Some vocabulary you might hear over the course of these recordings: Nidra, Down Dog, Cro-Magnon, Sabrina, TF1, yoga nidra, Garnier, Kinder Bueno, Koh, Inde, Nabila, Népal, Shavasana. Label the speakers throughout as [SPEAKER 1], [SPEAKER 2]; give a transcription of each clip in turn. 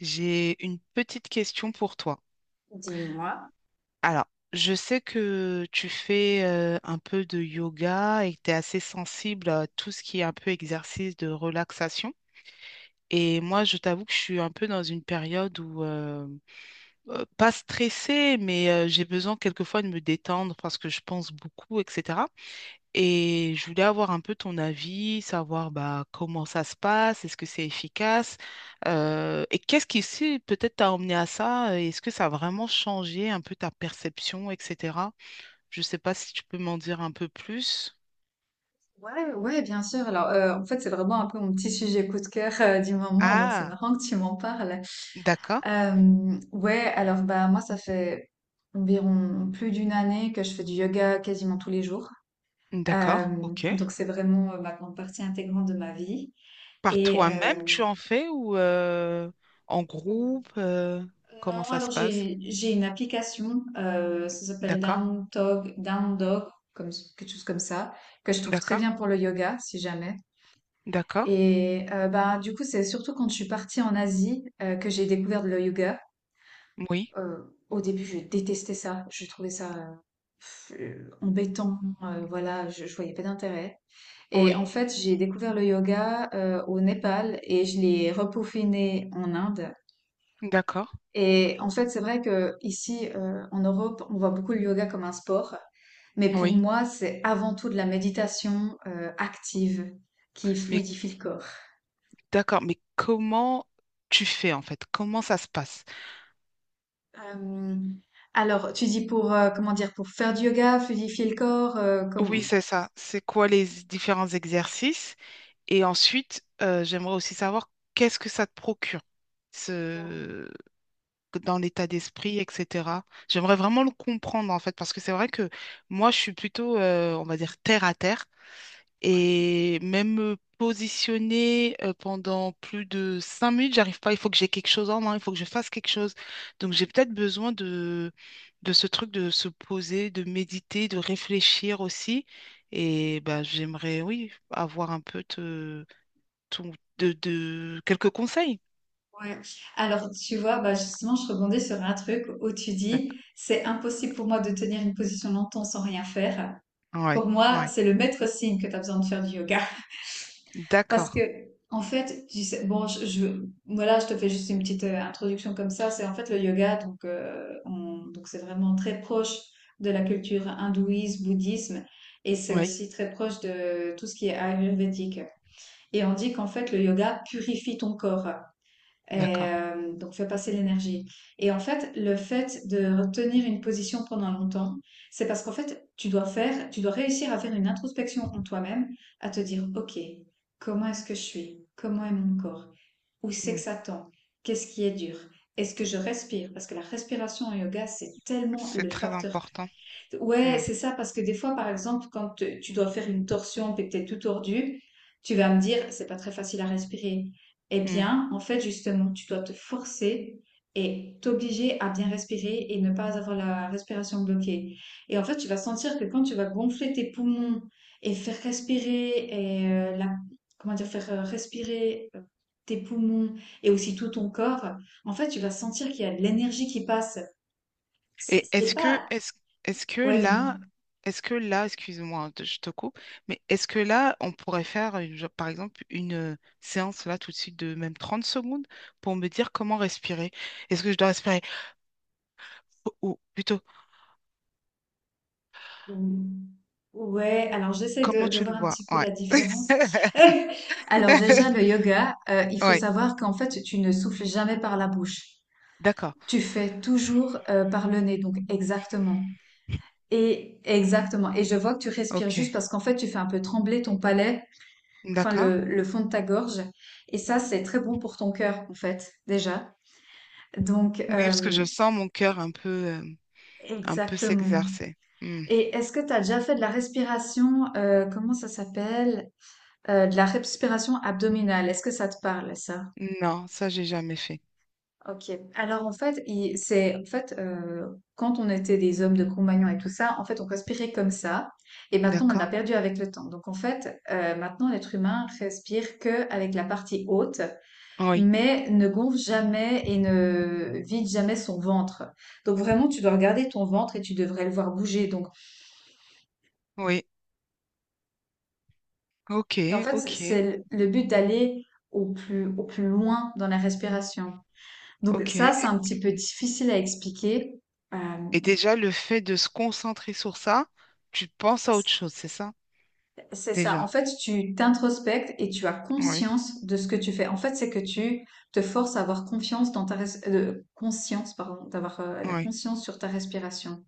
[SPEAKER 1] J'ai une petite question pour toi.
[SPEAKER 2] Dis-moi.
[SPEAKER 1] Alors, je sais que tu fais un peu de yoga et que tu es assez sensible à tout ce qui est un peu exercice de relaxation. Et moi, je t'avoue que je suis un peu dans une période où pas stressée, mais j'ai besoin quelquefois de me détendre parce que je pense beaucoup, etc. Et je voulais avoir un peu ton avis, savoir bah, comment ça se passe, est-ce que c'est efficace, et qu'est-ce qui si, peut-être t'a emmené à ça, et est-ce que ça a vraiment changé un peu ta perception, etc. Je ne sais pas si tu peux m'en dire un peu plus.
[SPEAKER 2] Ouais, ouais, bien sûr. Alors, en fait, c'est vraiment un peu mon petit sujet coup de cœur du moment, donc c'est
[SPEAKER 1] Ah,
[SPEAKER 2] marrant que tu m'en parles.
[SPEAKER 1] d'accord,
[SPEAKER 2] Ouais, alors bah moi, ça fait environ plus d'une année que je fais du yoga quasiment tous les jours. Euh,
[SPEAKER 1] d'accord, ok.
[SPEAKER 2] donc c'est vraiment maintenant partie intégrante de ma vie.
[SPEAKER 1] Par
[SPEAKER 2] Et
[SPEAKER 1] toi-même, tu en fais ou en groupe, comment
[SPEAKER 2] non,
[SPEAKER 1] ça
[SPEAKER 2] alors
[SPEAKER 1] se passe?
[SPEAKER 2] j'ai une application, ça s'appelle
[SPEAKER 1] D'accord,
[SPEAKER 2] Down Dog, Down Dog, comme quelque chose comme ça, que je trouve très
[SPEAKER 1] d'accord,
[SPEAKER 2] bien pour le yoga, si jamais.
[SPEAKER 1] d'accord,
[SPEAKER 2] Et bah, du coup, c'est surtout quand je suis partie en Asie que j'ai découvert le yoga.
[SPEAKER 1] oui,
[SPEAKER 2] Euh, Au début, je détestais ça. Je trouvais ça embêtant. Voilà, je voyais pas d'intérêt. Et en
[SPEAKER 1] oui,
[SPEAKER 2] fait, j'ai découvert le yoga au Népal et je l'ai repaufiné en Inde.
[SPEAKER 1] d'accord,
[SPEAKER 2] Et en fait, c'est vrai que ici, en Europe, on voit beaucoup le yoga comme un sport. Mais pour
[SPEAKER 1] oui.
[SPEAKER 2] moi, c'est avant tout de la méditation active qui
[SPEAKER 1] Mais
[SPEAKER 2] fluidifie le corps.
[SPEAKER 1] d'accord, mais comment tu fais en fait? Comment ça se passe?
[SPEAKER 2] Euh, alors, tu dis pour, comment dire, pour faire du yoga, fluidifier le corps,
[SPEAKER 1] Oui,
[SPEAKER 2] comme...
[SPEAKER 1] c'est ça. C'est quoi les différents exercices? Et ensuite, j'aimerais aussi savoir qu'est-ce que ça te procure ce dans l'état d'esprit, etc. J'aimerais vraiment le comprendre en fait, parce que c'est vrai que moi, je suis plutôt, on va dire, terre à terre. Et même me positionner pendant plus de 5 minutes, j'arrive pas. Il faut que j'ai quelque chose en main, il faut que je fasse quelque chose. Donc j'ai peut-être besoin de ce truc de se poser, de méditer, de réfléchir aussi. Et bah, j'aimerais, oui, avoir un peu de quelques conseils.
[SPEAKER 2] Ouais. Alors, tu vois, bah justement, je rebondis sur un truc où tu
[SPEAKER 1] D'accord.
[SPEAKER 2] dis, c'est impossible pour moi de tenir une position longtemps sans rien faire.
[SPEAKER 1] Ouais,
[SPEAKER 2] Pour moi,
[SPEAKER 1] ouais.
[SPEAKER 2] c'est le maître signe que tu as besoin de faire du yoga. Parce
[SPEAKER 1] D'accord.
[SPEAKER 2] que, en fait, bon, voilà, je te fais juste une petite introduction comme ça. C'est en fait le yoga, donc, donc c'est vraiment très proche de la culture hindouiste, bouddhisme, et c'est
[SPEAKER 1] Oui,
[SPEAKER 2] aussi très proche de tout ce qui est ayurvédique. Et on dit qu'en fait, le yoga purifie ton corps. Et,
[SPEAKER 1] d'accord.
[SPEAKER 2] donc, fait passer l'énergie. Et en fait, le fait de retenir une position pendant longtemps, c'est parce qu'en fait, tu dois réussir à faire une introspection en toi-même, à te dire, OK, comment est-ce que je suis? Comment est mon corps? Où c'est que
[SPEAKER 1] Mm.
[SPEAKER 2] ça tend? Qu'est-ce qui est dur? Est-ce que je respire? Parce que la respiration en yoga, c'est tellement le
[SPEAKER 1] C'est très
[SPEAKER 2] facteur.
[SPEAKER 1] important.
[SPEAKER 2] Ouais, c'est ça, parce que des fois, par exemple, quand tu dois faire une torsion, puis que t'es tout tordu, tu vas me dire, c'est pas très facile à respirer. Eh
[SPEAKER 1] Mm.
[SPEAKER 2] bien, en fait, justement, tu dois te forcer et t'obliger à bien respirer et ne pas avoir la respiration bloquée. Et en fait, tu vas sentir que quand tu vas gonfler tes poumons et faire respirer et comment dire, faire respirer tes poumons et aussi tout ton corps, en fait, tu vas sentir qu'il y a de l'énergie qui passe. C'est
[SPEAKER 1] Et
[SPEAKER 2] c'est
[SPEAKER 1] est-ce que,
[SPEAKER 2] pas.
[SPEAKER 1] est-ce, est-ce que
[SPEAKER 2] Ouais, dis-moi.
[SPEAKER 1] là, Est-ce que là, excuse-moi, je te coupe, mais est-ce que là, on pourrait faire, genre, par exemple, une séance là tout de suite de même 30 secondes pour me dire comment respirer? Est-ce que je dois respirer? Ou plutôt,
[SPEAKER 2] Ou- Ouais, alors j'essaie de,
[SPEAKER 1] comment
[SPEAKER 2] de
[SPEAKER 1] tu le
[SPEAKER 2] voir un
[SPEAKER 1] vois?
[SPEAKER 2] petit peu
[SPEAKER 1] Ouais.
[SPEAKER 2] la différence. Alors déjà, le yoga, il faut
[SPEAKER 1] Ouais,
[SPEAKER 2] savoir qu'en fait, tu ne souffles jamais par la bouche.
[SPEAKER 1] d'accord.
[SPEAKER 2] Tu fais toujours par le nez, donc exactement. Et exactement. Et je vois que tu respires juste
[SPEAKER 1] Ok.
[SPEAKER 2] parce qu'en fait, tu fais un peu trembler ton palais, enfin
[SPEAKER 1] D'accord.
[SPEAKER 2] le fond de ta gorge. Et ça, c'est très bon pour ton cœur, en fait, déjà. Donc,
[SPEAKER 1] Oui, parce que je sens mon cœur un peu
[SPEAKER 2] exactement.
[SPEAKER 1] s'exercer. Hmm.
[SPEAKER 2] Et est-ce que tu as déjà fait de la respiration, comment ça s'appelle? De la respiration abdominale, est-ce que ça te parle, ça?
[SPEAKER 1] Non, ça, j'ai jamais fait.
[SPEAKER 2] Ok. Alors en fait, c'est en fait quand on était des hommes de Cro-Magnon et tout ça, en fait, on respirait comme ça. Et maintenant, on l'a
[SPEAKER 1] D'accord.
[SPEAKER 2] perdu avec le temps. Donc en fait, maintenant, l'être humain respire que avec la partie haute,
[SPEAKER 1] Oui,
[SPEAKER 2] mais ne gonfle jamais et ne vide jamais son ventre. Donc vraiment, tu dois regarder ton ventre et tu devrais le voir bouger. Donc
[SPEAKER 1] oui. Ok,
[SPEAKER 2] et en fait,
[SPEAKER 1] ok,
[SPEAKER 2] c'est le but d'aller au plus loin dans la respiration. Donc
[SPEAKER 1] ok.
[SPEAKER 2] ça, c'est un petit peu difficile à expliquer. Euh,
[SPEAKER 1] Et déjà, le fait de se concentrer sur ça, tu penses à autre chose, c'est ça?
[SPEAKER 2] c'est ça. En
[SPEAKER 1] Déjà.
[SPEAKER 2] fait, tu t'introspectes et tu as
[SPEAKER 1] Oui,
[SPEAKER 2] conscience de ce que tu fais. En fait, c'est que tu te forces à avoir confiance dans conscience, pardon, d'avoir la
[SPEAKER 1] oui,
[SPEAKER 2] conscience sur ta respiration.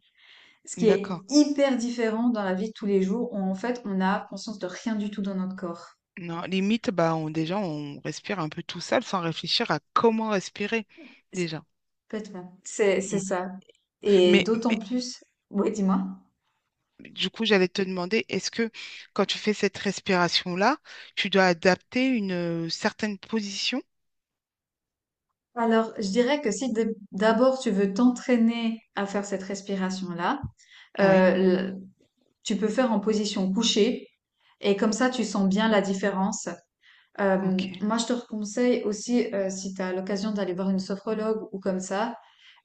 [SPEAKER 2] Ce qui est
[SPEAKER 1] d'accord.
[SPEAKER 2] hyper différent dans la vie de tous les jours où en fait, on a conscience de rien du tout dans notre corps.
[SPEAKER 1] Non, limite, bah, on, déjà, on respire un peu tout seul sans réfléchir à comment respirer,
[SPEAKER 2] C'est-
[SPEAKER 1] déjà.
[SPEAKER 2] Complètement. C'est
[SPEAKER 1] Mm.
[SPEAKER 2] ça. Et
[SPEAKER 1] Mais
[SPEAKER 2] d'autant plus. Oui, dis-moi.
[SPEAKER 1] du coup, j'allais te demander, est-ce que quand tu fais cette respiration-là, tu dois adapter une certaine position?
[SPEAKER 2] Alors, je dirais que si d'abord tu veux t'entraîner à faire cette respiration-là,
[SPEAKER 1] Oui,
[SPEAKER 2] Heu, tu peux faire en position couchée et comme ça, tu sens bien la différence.
[SPEAKER 1] ok,
[SPEAKER 2] Moi, je te conseille aussi, si tu as l'occasion d'aller voir une sophrologue ou comme ça,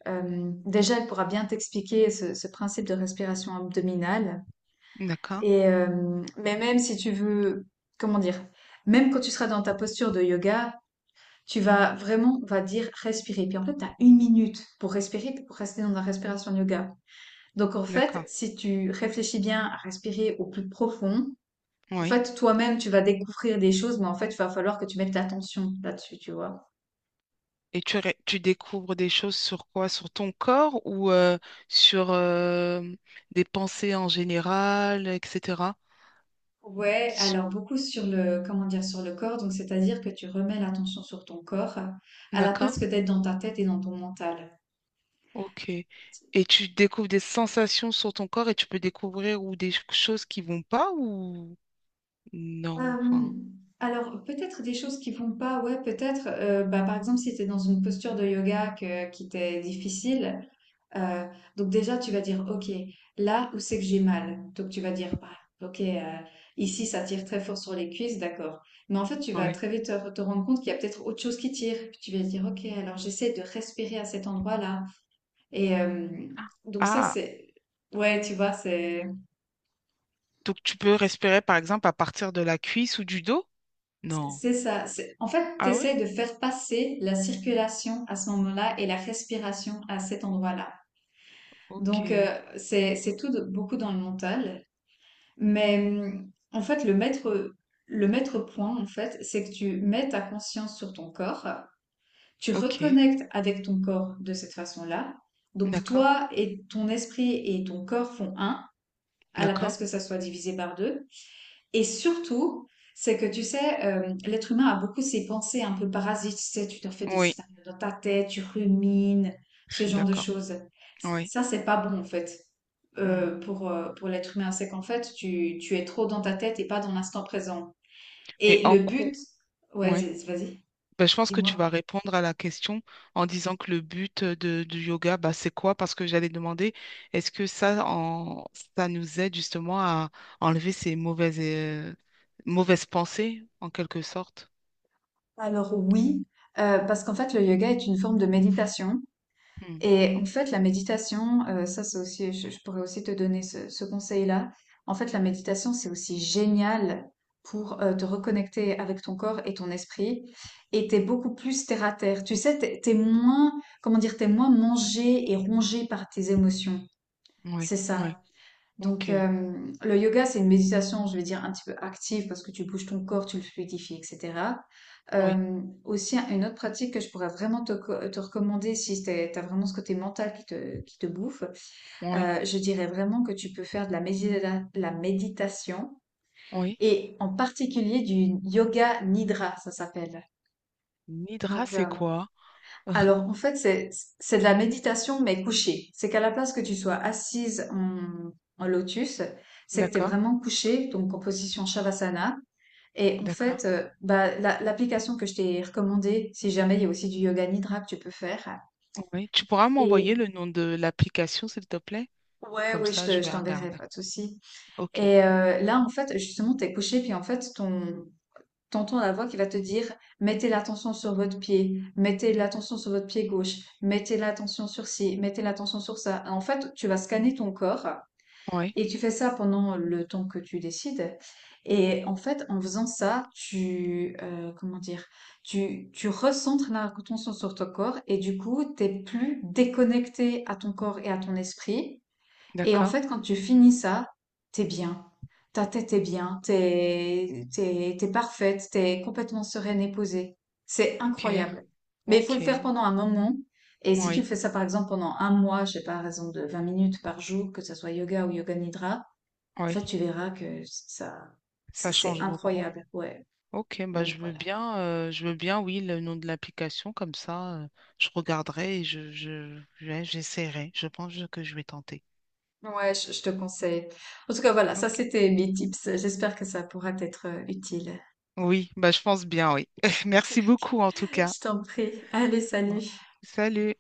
[SPEAKER 2] déjà, elle pourra bien t'expliquer ce principe de respiration abdominale
[SPEAKER 1] d'accord,
[SPEAKER 2] et mais même si tu veux, comment dire? Même quand tu seras dans ta posture de yoga, tu vas vraiment, on va dire, respirer. Puis en fait, tu as 1 minute pour respirer, puis pour rester dans la respiration de yoga. Donc en fait,
[SPEAKER 1] d'accord,
[SPEAKER 2] si tu réfléchis bien à respirer au plus profond, en
[SPEAKER 1] oui.
[SPEAKER 2] fait, toi-même, tu vas découvrir des choses, mais en fait, il va falloir que tu mettes l'attention là-dessus, tu vois.
[SPEAKER 1] Et tu découvres des choses sur quoi? Sur ton corps ou sur des pensées en général, etc.
[SPEAKER 2] Ouais,
[SPEAKER 1] Su-
[SPEAKER 2] alors beaucoup comment dire, sur le corps, donc c'est-à-dire que tu remets l'attention sur ton corps à la place
[SPEAKER 1] D'accord?
[SPEAKER 2] que d'être dans ta tête et dans ton mental.
[SPEAKER 1] Ok. Et tu découvres des sensations sur ton corps et tu peux découvrir ou des choses qui vont pas ou non,
[SPEAKER 2] Euh,
[SPEAKER 1] enfin,
[SPEAKER 2] alors peut-être des choses qui vont pas, ouais, peut-être, bah, par exemple si tu es dans une posture de yoga qui t'est difficile, Euh, donc déjà, tu vas dire, OK, là où c'est que j'ai mal. Donc tu vas dire, Ah, OK, ici, ça tire très fort sur les cuisses, d'accord. Mais en fait, tu vas
[SPEAKER 1] ouais.
[SPEAKER 2] très vite te rendre compte qu'il y a peut-être autre chose qui tire. Puis tu vas dire, OK, alors j'essaie de respirer à cet endroit-là. Et donc ça,
[SPEAKER 1] Ah,
[SPEAKER 2] c'est... Ouais, tu vois, c'est
[SPEAKER 1] donc tu peux respirer par exemple à partir de la cuisse ou du dos? Non.
[SPEAKER 2] c'est ça. En fait, tu
[SPEAKER 1] Ah oui?
[SPEAKER 2] essaies de faire passer la circulation à ce moment-là et la respiration à cet endroit-là.
[SPEAKER 1] Ok.
[SPEAKER 2] Donc, c'est beaucoup dans le mental. Mais en fait, le maître point, en fait, c'est que tu mets ta conscience sur ton corps, tu
[SPEAKER 1] Ok.
[SPEAKER 2] reconnectes avec ton corps de cette façon-là. Donc
[SPEAKER 1] D'accord.
[SPEAKER 2] toi et ton esprit et ton corps font un, à la
[SPEAKER 1] D'accord.
[SPEAKER 2] place que ça soit divisé par deux. Et surtout, c'est que tu sais, l'être humain a beaucoup ces pensées un peu parasites. Tu sais, tu te fais des
[SPEAKER 1] Oui,
[SPEAKER 2] scénarios dans ta tête, tu rumines,
[SPEAKER 1] je
[SPEAKER 2] ce
[SPEAKER 1] suis
[SPEAKER 2] genre de
[SPEAKER 1] d'accord.
[SPEAKER 2] choses.
[SPEAKER 1] Oui.
[SPEAKER 2] Ça, c'est pas bon en fait
[SPEAKER 1] Hmm.
[SPEAKER 2] pour l'être humain. C'est qu'en fait, tu es trop dans ta tête et pas dans l'instant présent.
[SPEAKER 1] Mais
[SPEAKER 2] Et
[SPEAKER 1] en
[SPEAKER 2] le but,
[SPEAKER 1] cours.
[SPEAKER 2] ouais, vas-y,
[SPEAKER 1] Ben, je pense que tu vas
[SPEAKER 2] dis-moi.
[SPEAKER 1] répondre à la question en disant que le but du yoga, bah c'est quoi? Parce que j'allais demander, est-ce que ça, en, ça nous aide justement à enlever ces mauvaises pensées, en quelque sorte?
[SPEAKER 2] Alors oui, parce qu'en fait le yoga est une forme de méditation.
[SPEAKER 1] Hmm,
[SPEAKER 2] Et en fait, la méditation, ça c'est aussi, je pourrais aussi te donner ce conseil-là. En fait, la méditation, c'est aussi génial pour te reconnecter avec ton corps et ton esprit. Et t'es beaucoup plus terre à terre. Tu sais, comment dire, t'es moins mangé et rongé par tes émotions.
[SPEAKER 1] oui,
[SPEAKER 2] C'est
[SPEAKER 1] oui,
[SPEAKER 2] ça. Donc,
[SPEAKER 1] ok,
[SPEAKER 2] le yoga, c'est une méditation, je vais dire, un petit peu active parce que tu bouges ton corps, tu le fluidifies, etc.
[SPEAKER 1] oui,
[SPEAKER 2] Aussi, une autre pratique que je pourrais vraiment te recommander si t'as vraiment ce côté mental qui te bouffe,
[SPEAKER 1] oui,
[SPEAKER 2] je dirais vraiment que tu peux faire la méditation
[SPEAKER 1] oui.
[SPEAKER 2] et en particulier du yoga nidra, ça s'appelle.
[SPEAKER 1] Nidra,
[SPEAKER 2] Donc,
[SPEAKER 1] c'est quoi?
[SPEAKER 2] alors, en fait, c'est de la méditation, mais couchée. C'est qu'à la place que tu sois assise en lotus, c'est que tu es
[SPEAKER 1] D'accord,
[SPEAKER 2] vraiment couché, donc en position Shavasana. Et en
[SPEAKER 1] d'accord.
[SPEAKER 2] fait, bah, l'application que je t'ai recommandée, si jamais il y a aussi du yoga nidra que tu peux faire.
[SPEAKER 1] Oui. Tu pourras m'envoyer
[SPEAKER 2] Et
[SPEAKER 1] le nom de l'application, s'il te plaît?
[SPEAKER 2] ouais,
[SPEAKER 1] Comme
[SPEAKER 2] oui,
[SPEAKER 1] ça, je
[SPEAKER 2] je
[SPEAKER 1] vais
[SPEAKER 2] t'enverrai,
[SPEAKER 1] regarder.
[SPEAKER 2] pas de souci.
[SPEAKER 1] Ok,
[SPEAKER 2] Et là, en fait, justement, tu es couché, puis en fait, t'entends la voix qui va te dire mettez l'attention sur votre pied, mettez l'attention sur votre pied gauche, mettez l'attention sur ci, mettez l'attention sur ça. En fait, tu vas scanner ton corps
[SPEAKER 1] oui,
[SPEAKER 2] et tu fais ça pendant le temps que tu décides. Et en fait, en faisant ça, comment dire, tu recentres l'attention sur ton corps et du coup, t'es plus déconnecté à ton corps et à ton esprit. Et en
[SPEAKER 1] d'accord,
[SPEAKER 2] fait, quand tu finis ça, t'es bien. Ta tête est bien, t'es parfaite, t'es complètement sereine et posée. C'est
[SPEAKER 1] ok,
[SPEAKER 2] incroyable. Mais il faut le faire
[SPEAKER 1] ok,
[SPEAKER 2] pendant un moment. Et si tu
[SPEAKER 1] oui,
[SPEAKER 2] fais ça, par exemple, pendant un mois, je sais pas, à raison de 20 minutes par jour, que ce soit yoga ou yoga nidra, en fait,
[SPEAKER 1] oui.
[SPEAKER 2] tu verras que ça, c'est
[SPEAKER 1] Ça
[SPEAKER 2] c'est
[SPEAKER 1] change beaucoup.
[SPEAKER 2] incroyable. Ouais.
[SPEAKER 1] Ok, bah
[SPEAKER 2] Donc voilà.
[SPEAKER 1] je veux bien, oui, le nom de l'application, comme ça, je regarderai et ouais, j'essaierai. Je pense que je vais tenter.
[SPEAKER 2] Ouais, je te conseille. En tout cas, voilà, ça
[SPEAKER 1] Ok.
[SPEAKER 2] c'était mes tips. J'espère que ça pourra t'être utile.
[SPEAKER 1] Oui, bah je pense bien, oui.
[SPEAKER 2] Ok.
[SPEAKER 1] Merci beaucoup en tout cas.
[SPEAKER 2] Je t'en prie. Allez,
[SPEAKER 1] Ouais.
[SPEAKER 2] salut.
[SPEAKER 1] Salut.